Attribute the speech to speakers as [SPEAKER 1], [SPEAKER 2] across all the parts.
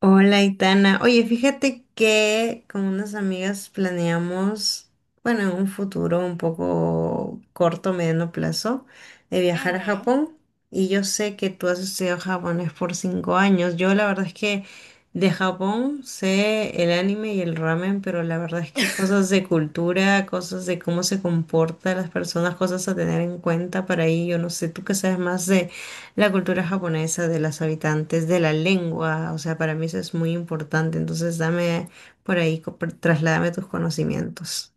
[SPEAKER 1] Hola, Itana. Oye, fíjate que con unas amigas planeamos, bueno, en un futuro un poco corto, mediano plazo, de viajar a
[SPEAKER 2] Ujú.
[SPEAKER 1] Japón. Y yo sé que tú has estudiado japonés por 5 años. Yo la verdad es que de Japón sé el anime y el ramen, pero la verdad es que cosas de cultura, cosas de cómo se comportan las personas, cosas a tener en cuenta para ahí. Yo no sé, tú que sabes más la cultura japonesa de las habitantes de la lengua. O sea, para mí eso es muy importante. Entonces, dame por ahí, trasládame tus conocimientos.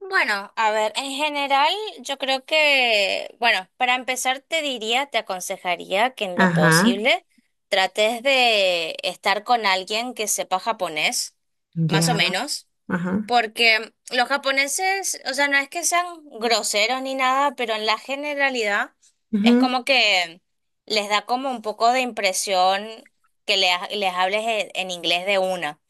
[SPEAKER 2] Bueno, a ver, en general yo creo que, bueno, para empezar te diría, te aconsejaría que en lo
[SPEAKER 1] Ajá,
[SPEAKER 2] posible trates de estar con alguien que sepa japonés, más o
[SPEAKER 1] ya,
[SPEAKER 2] menos,
[SPEAKER 1] ajá.
[SPEAKER 2] porque los japoneses, o sea, no es que sean groseros ni nada, pero en la generalidad es
[SPEAKER 1] Ujú.
[SPEAKER 2] como que les da como un poco de impresión que les hables en inglés de una.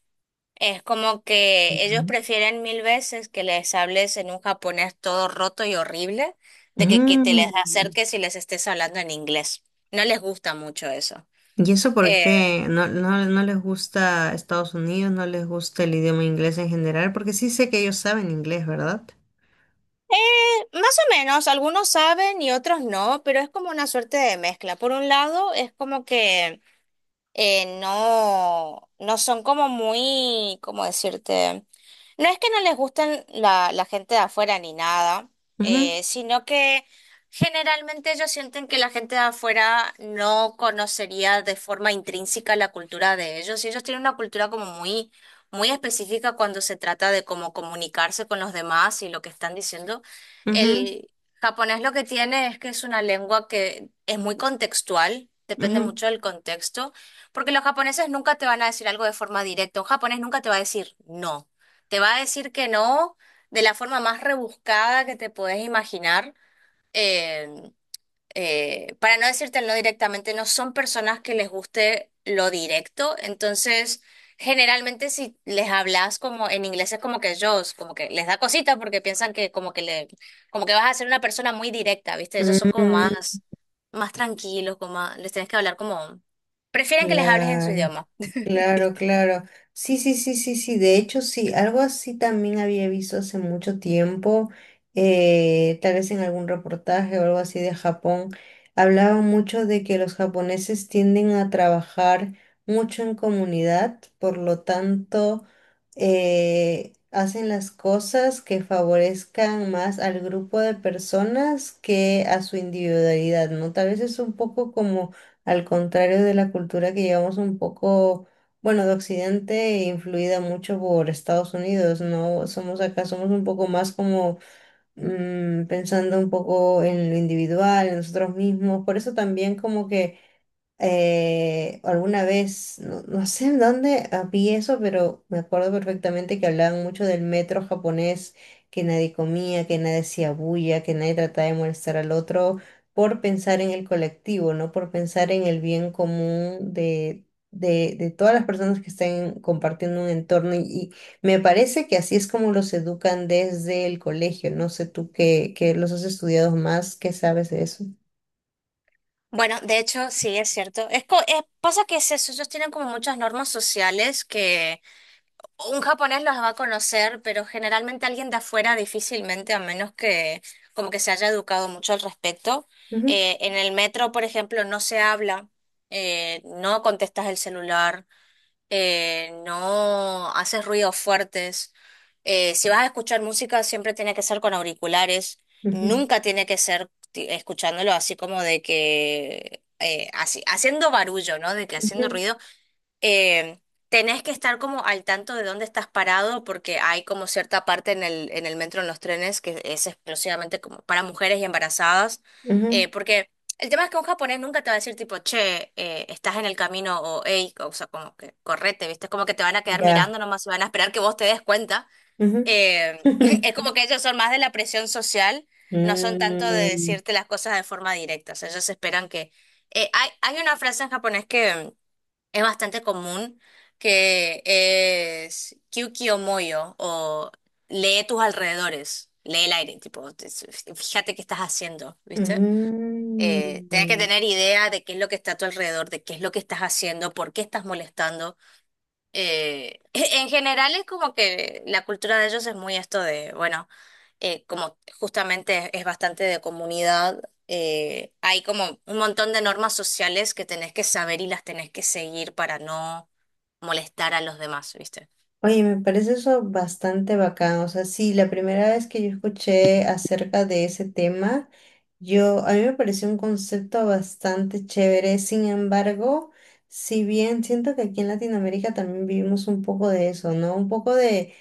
[SPEAKER 2] Es como que ellos
[SPEAKER 1] Ya.
[SPEAKER 2] prefieren mil veces que les hables en un japonés todo roto y horrible, de que te les
[SPEAKER 1] Mm.
[SPEAKER 2] acerques y les estés hablando en inglés. No les gusta mucho eso.
[SPEAKER 1] ¿Y eso por
[SPEAKER 2] Eh,
[SPEAKER 1] qué? ¿No, no, no les gusta Estados Unidos? ¿No les gusta el idioma inglés en general? Porque sí sé que ellos saben inglés, ¿verdad?
[SPEAKER 2] Más o menos, algunos saben y otros no, pero es como una suerte de mezcla. Por un lado, es como que no, no son como muy, ¿cómo decirte? No es que no les gusten la gente de afuera ni nada,
[SPEAKER 1] Ujú,
[SPEAKER 2] sino que generalmente ellos sienten que la gente de afuera no conocería de forma intrínseca la cultura de ellos. Y ellos tienen una cultura como muy, muy específica cuando se trata de cómo comunicarse con los demás y lo que están diciendo.
[SPEAKER 1] ujú,
[SPEAKER 2] El japonés lo que tiene es que es una lengua que es muy contextual, depende
[SPEAKER 1] ujú.
[SPEAKER 2] mucho del contexto. Porque los japoneses nunca te van a decir algo de forma directa. Un japonés nunca te va a decir no. Te va a decir que no de la forma más rebuscada que te puedes imaginar. eh, para no decirte no directamente, no son personas que les guste lo directo, entonces generalmente si les hablas como en inglés es como que ellos como que les da cosita porque piensan que como que vas a ser una persona muy directa, ¿viste? Ellos son como
[SPEAKER 1] Mm.
[SPEAKER 2] más, más tranquilos, les tienes que hablar como, prefieren que les hables en su
[SPEAKER 1] Claro,
[SPEAKER 2] idioma.
[SPEAKER 1] claro, claro. Sí, sí, sí, sí, sí. De hecho, sí, algo así también había visto hace mucho tiempo, tal vez en algún reportaje o algo así de Japón. Hablaba mucho de que los japoneses tienden a trabajar mucho en comunidad, por lo tanto, hacen las cosas que favorezcan más al grupo de personas que a su individualidad, ¿no? Tal vez es un poco como al contrario de la cultura que llevamos un poco, bueno, de Occidente, influida mucho por Estados Unidos, ¿no? Somos acá, somos un poco más como pensando un poco en lo individual, en nosotros mismos, por eso también como que alguna vez, no, no sé en dónde vi eso, pero me acuerdo perfectamente que hablaban mucho del metro japonés, que nadie comía, que nadie hacía bulla, que nadie trataba de molestar al otro por pensar en el colectivo, no por pensar en el bien común de, de todas las personas que estén compartiendo un entorno. Y me parece que así es como los educan desde el colegio. No sé tú que los has estudiado más, ¿qué sabes de eso?
[SPEAKER 2] Bueno, de hecho, sí, es cierto. Pasa que es eso, ellos tienen como muchas normas sociales. Un japonés los va a conocer, pero generalmente alguien de afuera difícilmente, a menos que como que se haya educado mucho al respecto.
[SPEAKER 1] Ujú,
[SPEAKER 2] En el metro, por ejemplo, no se habla, no contestas el celular, no haces ruidos fuertes. Si vas a escuchar música, siempre tiene que ser con auriculares.
[SPEAKER 1] ujú,
[SPEAKER 2] Nunca tiene que ser escuchándolo así como de que así, haciendo barullo, ¿no? De que haciendo
[SPEAKER 1] ujú,
[SPEAKER 2] ruido eh, tenés que estar como al tanto de dónde estás parado porque hay como cierta parte en en el metro, en los trenes, que es exclusivamente como para mujeres y embarazadas,
[SPEAKER 1] ujú.
[SPEAKER 2] porque el tema es que un japonés nunca te va a decir tipo, che, estás en el camino o hey, o sea, como que correte, ¿viste? Es como que te van a quedar
[SPEAKER 1] Ya.
[SPEAKER 2] mirando nomás y van a esperar que vos te des cuenta.
[SPEAKER 1] Ujú.
[SPEAKER 2] Eh, es como que ellos son más de la presión social, no son tanto de
[SPEAKER 1] Mm,
[SPEAKER 2] decirte las cosas de forma directa, o sea, ellos esperan que... hay una frase en japonés que es bastante común que es moyo o lee tus alrededores, lee el aire, tipo, fíjate qué estás haciendo, ¿viste? Tienes que
[SPEAKER 1] mm.
[SPEAKER 2] tener idea de qué es lo que está a tu alrededor, de qué es lo que estás haciendo, por qué estás molestando. En general es como que la cultura de ellos es muy esto de, bueno, como justamente es, bastante de comunidad, hay como un montón de normas sociales que tenés que saber y las tenés que seguir para no molestar a los demás, ¿viste?
[SPEAKER 1] Oye, me parece eso bastante bacán. O sea, sí, la primera vez que yo escuché acerca de ese tema, yo, a mí me pareció un concepto bastante chévere. Sin embargo, si bien siento que aquí en Latinoamérica también vivimos un poco de eso, ¿no? Un poco de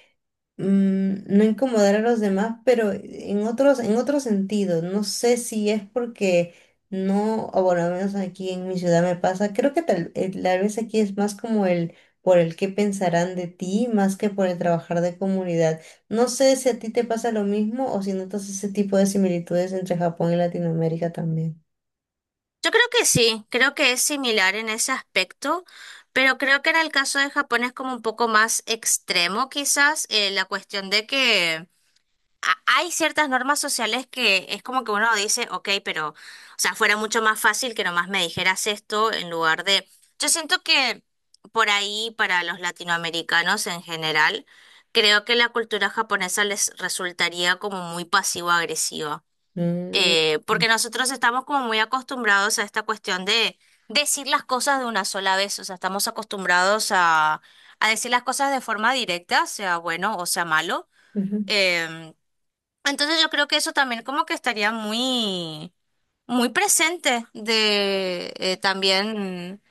[SPEAKER 1] no incomodar a los demás, pero en otros, en otro sentido. No sé si es porque no, o por lo menos aquí en mi ciudad me pasa. Creo que tal vez aquí es más como el por el qué pensarán de ti, más que por el trabajar de comunidad. No sé si a ti te pasa lo mismo o si notas ese tipo de similitudes entre Japón y Latinoamérica también.
[SPEAKER 2] Yo creo que sí, creo que es similar en ese aspecto, pero creo que en el caso de Japón es como un poco más extremo quizás, la cuestión de que... Hay ciertas normas sociales que es como que uno dice, ok, pero, o sea, fuera mucho más fácil que nomás me dijeras esto en lugar de... Yo siento que por ahí, para los latinoamericanos en general, creo que la cultura japonesa les resultaría como muy pasivo-agresiva.
[SPEAKER 1] Mm,
[SPEAKER 2] Porque nosotros estamos como muy acostumbrados a esta cuestión de decir las cosas de una sola vez, o sea, estamos acostumbrados a decir las cosas de forma directa, sea bueno o sea malo.
[SPEAKER 1] ujú.
[SPEAKER 2] Em, entonces yo creo que eso también como que estaría muy, muy presente de también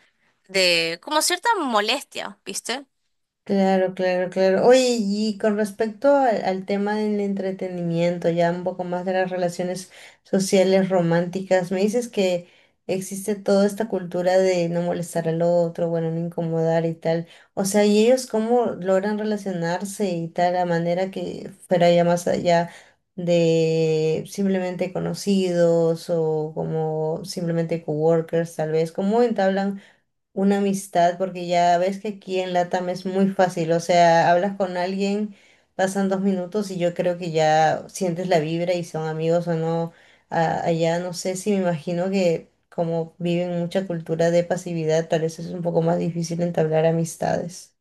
[SPEAKER 2] de como cierta molestia, ¿viste?
[SPEAKER 1] Claro, claro, claro. Oye, y con respecto al tema del entretenimiento, ya un poco más de las relaciones sociales románticas, me dices que existe toda esta cultura de no molestar al otro, bueno, no incomodar y tal. O sea, ¿y ellos cómo logran relacionarse y tal, a manera que fuera ya más allá de simplemente conocidos o como simplemente coworkers, tal vez? ¿Cómo entablan una amistad, porque ya ves que aquí en LATAM es muy fácil, o sea, hablas con alguien, pasan 2 minutos y yo creo que ya sientes la vibra y son amigos o no. Allá no sé si me imagino que como viven mucha cultura de pasividad, tal vez es un poco más difícil entablar amistades.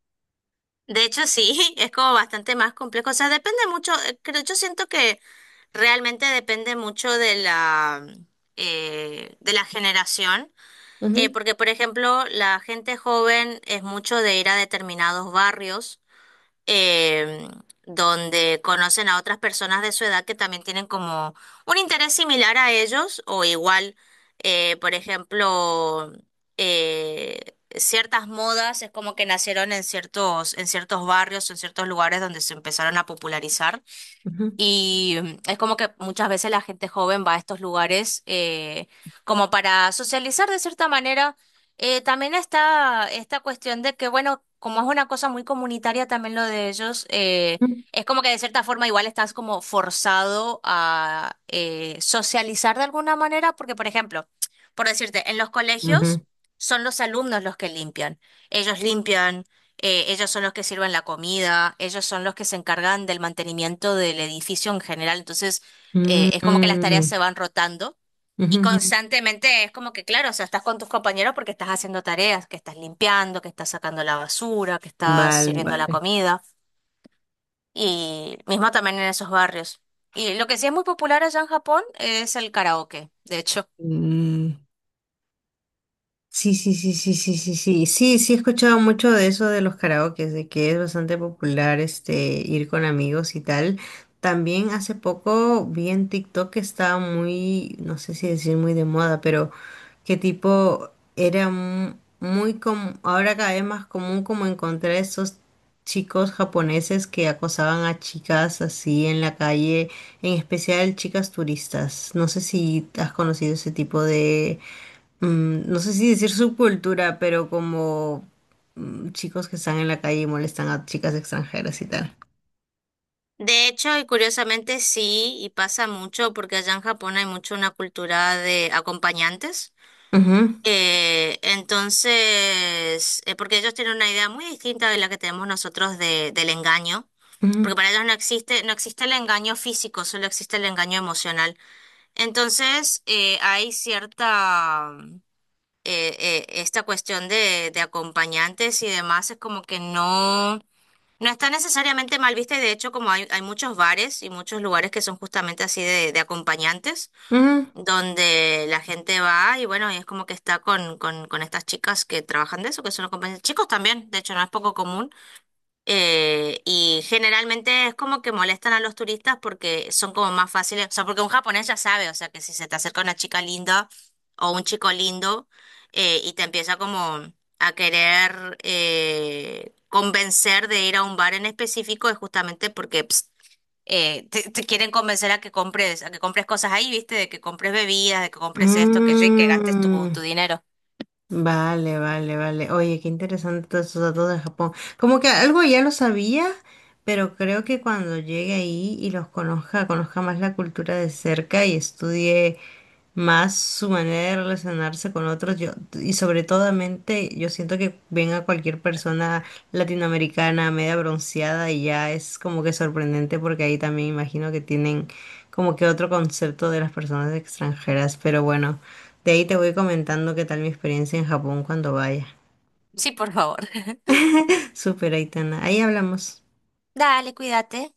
[SPEAKER 2] De hecho sí, es como bastante más complejo. O sea, depende mucho, creo, yo siento que realmente depende mucho de la generación.
[SPEAKER 1] Ujú,
[SPEAKER 2] Porque, por ejemplo, la gente joven es mucho de ir a determinados barrios eh, donde conocen a otras personas de su edad que también tienen como un interés similar a ellos o igual, por ejemplo, eh, ciertas modas es como que nacieron en ciertos barrios, en ciertos lugares donde se empezaron a popularizar.
[SPEAKER 1] ujú,
[SPEAKER 2] Y mm, es como que muchas veces la gente joven va a estos lugares como para socializar de cierta manera. También está esta cuestión de que, bueno, como es una cosa muy comunitaria también lo de ellos, es como que de cierta forma igual estás como forzado a socializar de alguna manera, porque, por ejemplo, por decirte, en los
[SPEAKER 1] ujú,
[SPEAKER 2] colegios son los alumnos los que limpian. Ellos limpian ellos son los que sirven la comida, ellos son los que se encargan del mantenimiento del edificio en general. Entonces,
[SPEAKER 1] ujú,
[SPEAKER 2] es como que las tareas
[SPEAKER 1] mm,
[SPEAKER 2] se van rotando
[SPEAKER 1] ujú,
[SPEAKER 2] y
[SPEAKER 1] ujú.
[SPEAKER 2] constantemente es como que, claro, o sea, estás con tus compañeros porque estás haciendo tareas, que estás limpiando, que estás sacando la basura, que estás
[SPEAKER 1] Vale,
[SPEAKER 2] sirviendo la
[SPEAKER 1] vale.
[SPEAKER 2] comida y mismo también en esos barrios. Y lo que sí es muy popular allá en Japón es el karaoke, de hecho.
[SPEAKER 1] Mm. Sí, sí, sí, sí, sí, sí, sí, sí, sí, he escuchado mucho de eso de los karaokes, de que es bastante popular este ir con amigos y tal. También hace poco vi en TikTok que estaba muy, no sé si decir muy de moda, pero que tipo era muy común, ahora cada vez más común como encontrar estos chicos japoneses que acosaban a chicas así en la calle, en especial chicas turistas. No sé si has conocido ese tipo de no sé si decir subcultura, pero como chicos que están en la calle y molestan a chicas extranjeras y tal.
[SPEAKER 2] De hecho, y curiosamente sí, y pasa mucho porque allá en Japón hay mucho una cultura de acompañantes.
[SPEAKER 1] Ujú,
[SPEAKER 2] Entonces, porque ellos tienen una idea muy distinta de la que tenemos nosotros del engaño,
[SPEAKER 1] ujú,
[SPEAKER 2] porque para ellos no existe, no existe el engaño físico, solo existe el engaño emocional. Entonces, hay cierta, esta cuestión de acompañantes y demás, es como que no, no está necesariamente mal vista y de hecho como hay muchos bares y muchos lugares que son justamente así de acompañantes
[SPEAKER 1] ujú.
[SPEAKER 2] donde la gente va y bueno, y es como que está con estas chicas que trabajan de eso, que son los compañeros, chicos también, de hecho no es poco común, y generalmente es como que molestan a los turistas porque son como más fáciles, o sea, porque un japonés ya sabe, o sea, que si se te acerca una chica linda o un chico lindo y te empieza como a querer convencer de ir a un bar en específico, es justamente porque... te quieren convencer a que compres cosas ahí, ¿viste? De que compres bebidas, de que compres esto, que, sí, que gastes
[SPEAKER 1] Mm.
[SPEAKER 2] tu dinero.
[SPEAKER 1] Vale, vale, vale. Oye, qué interesante todos esos datos de Japón. Como que algo ya lo sabía, pero creo que cuando llegue ahí y los conozca, conozca más la cultura de cerca y estudie. Más su manera de relacionarse con otros, yo, y sobre todo, mente, yo siento que ven a cualquier persona latinoamericana media bronceada y ya es como que sorprendente porque ahí también imagino que tienen como que otro concepto de las personas extranjeras, pero bueno, de ahí te voy comentando qué tal mi experiencia en Japón cuando vaya.
[SPEAKER 2] Sí, por favor.
[SPEAKER 1] Súper, Aitana, ahí hablamos.
[SPEAKER 2] Dale, cuídate.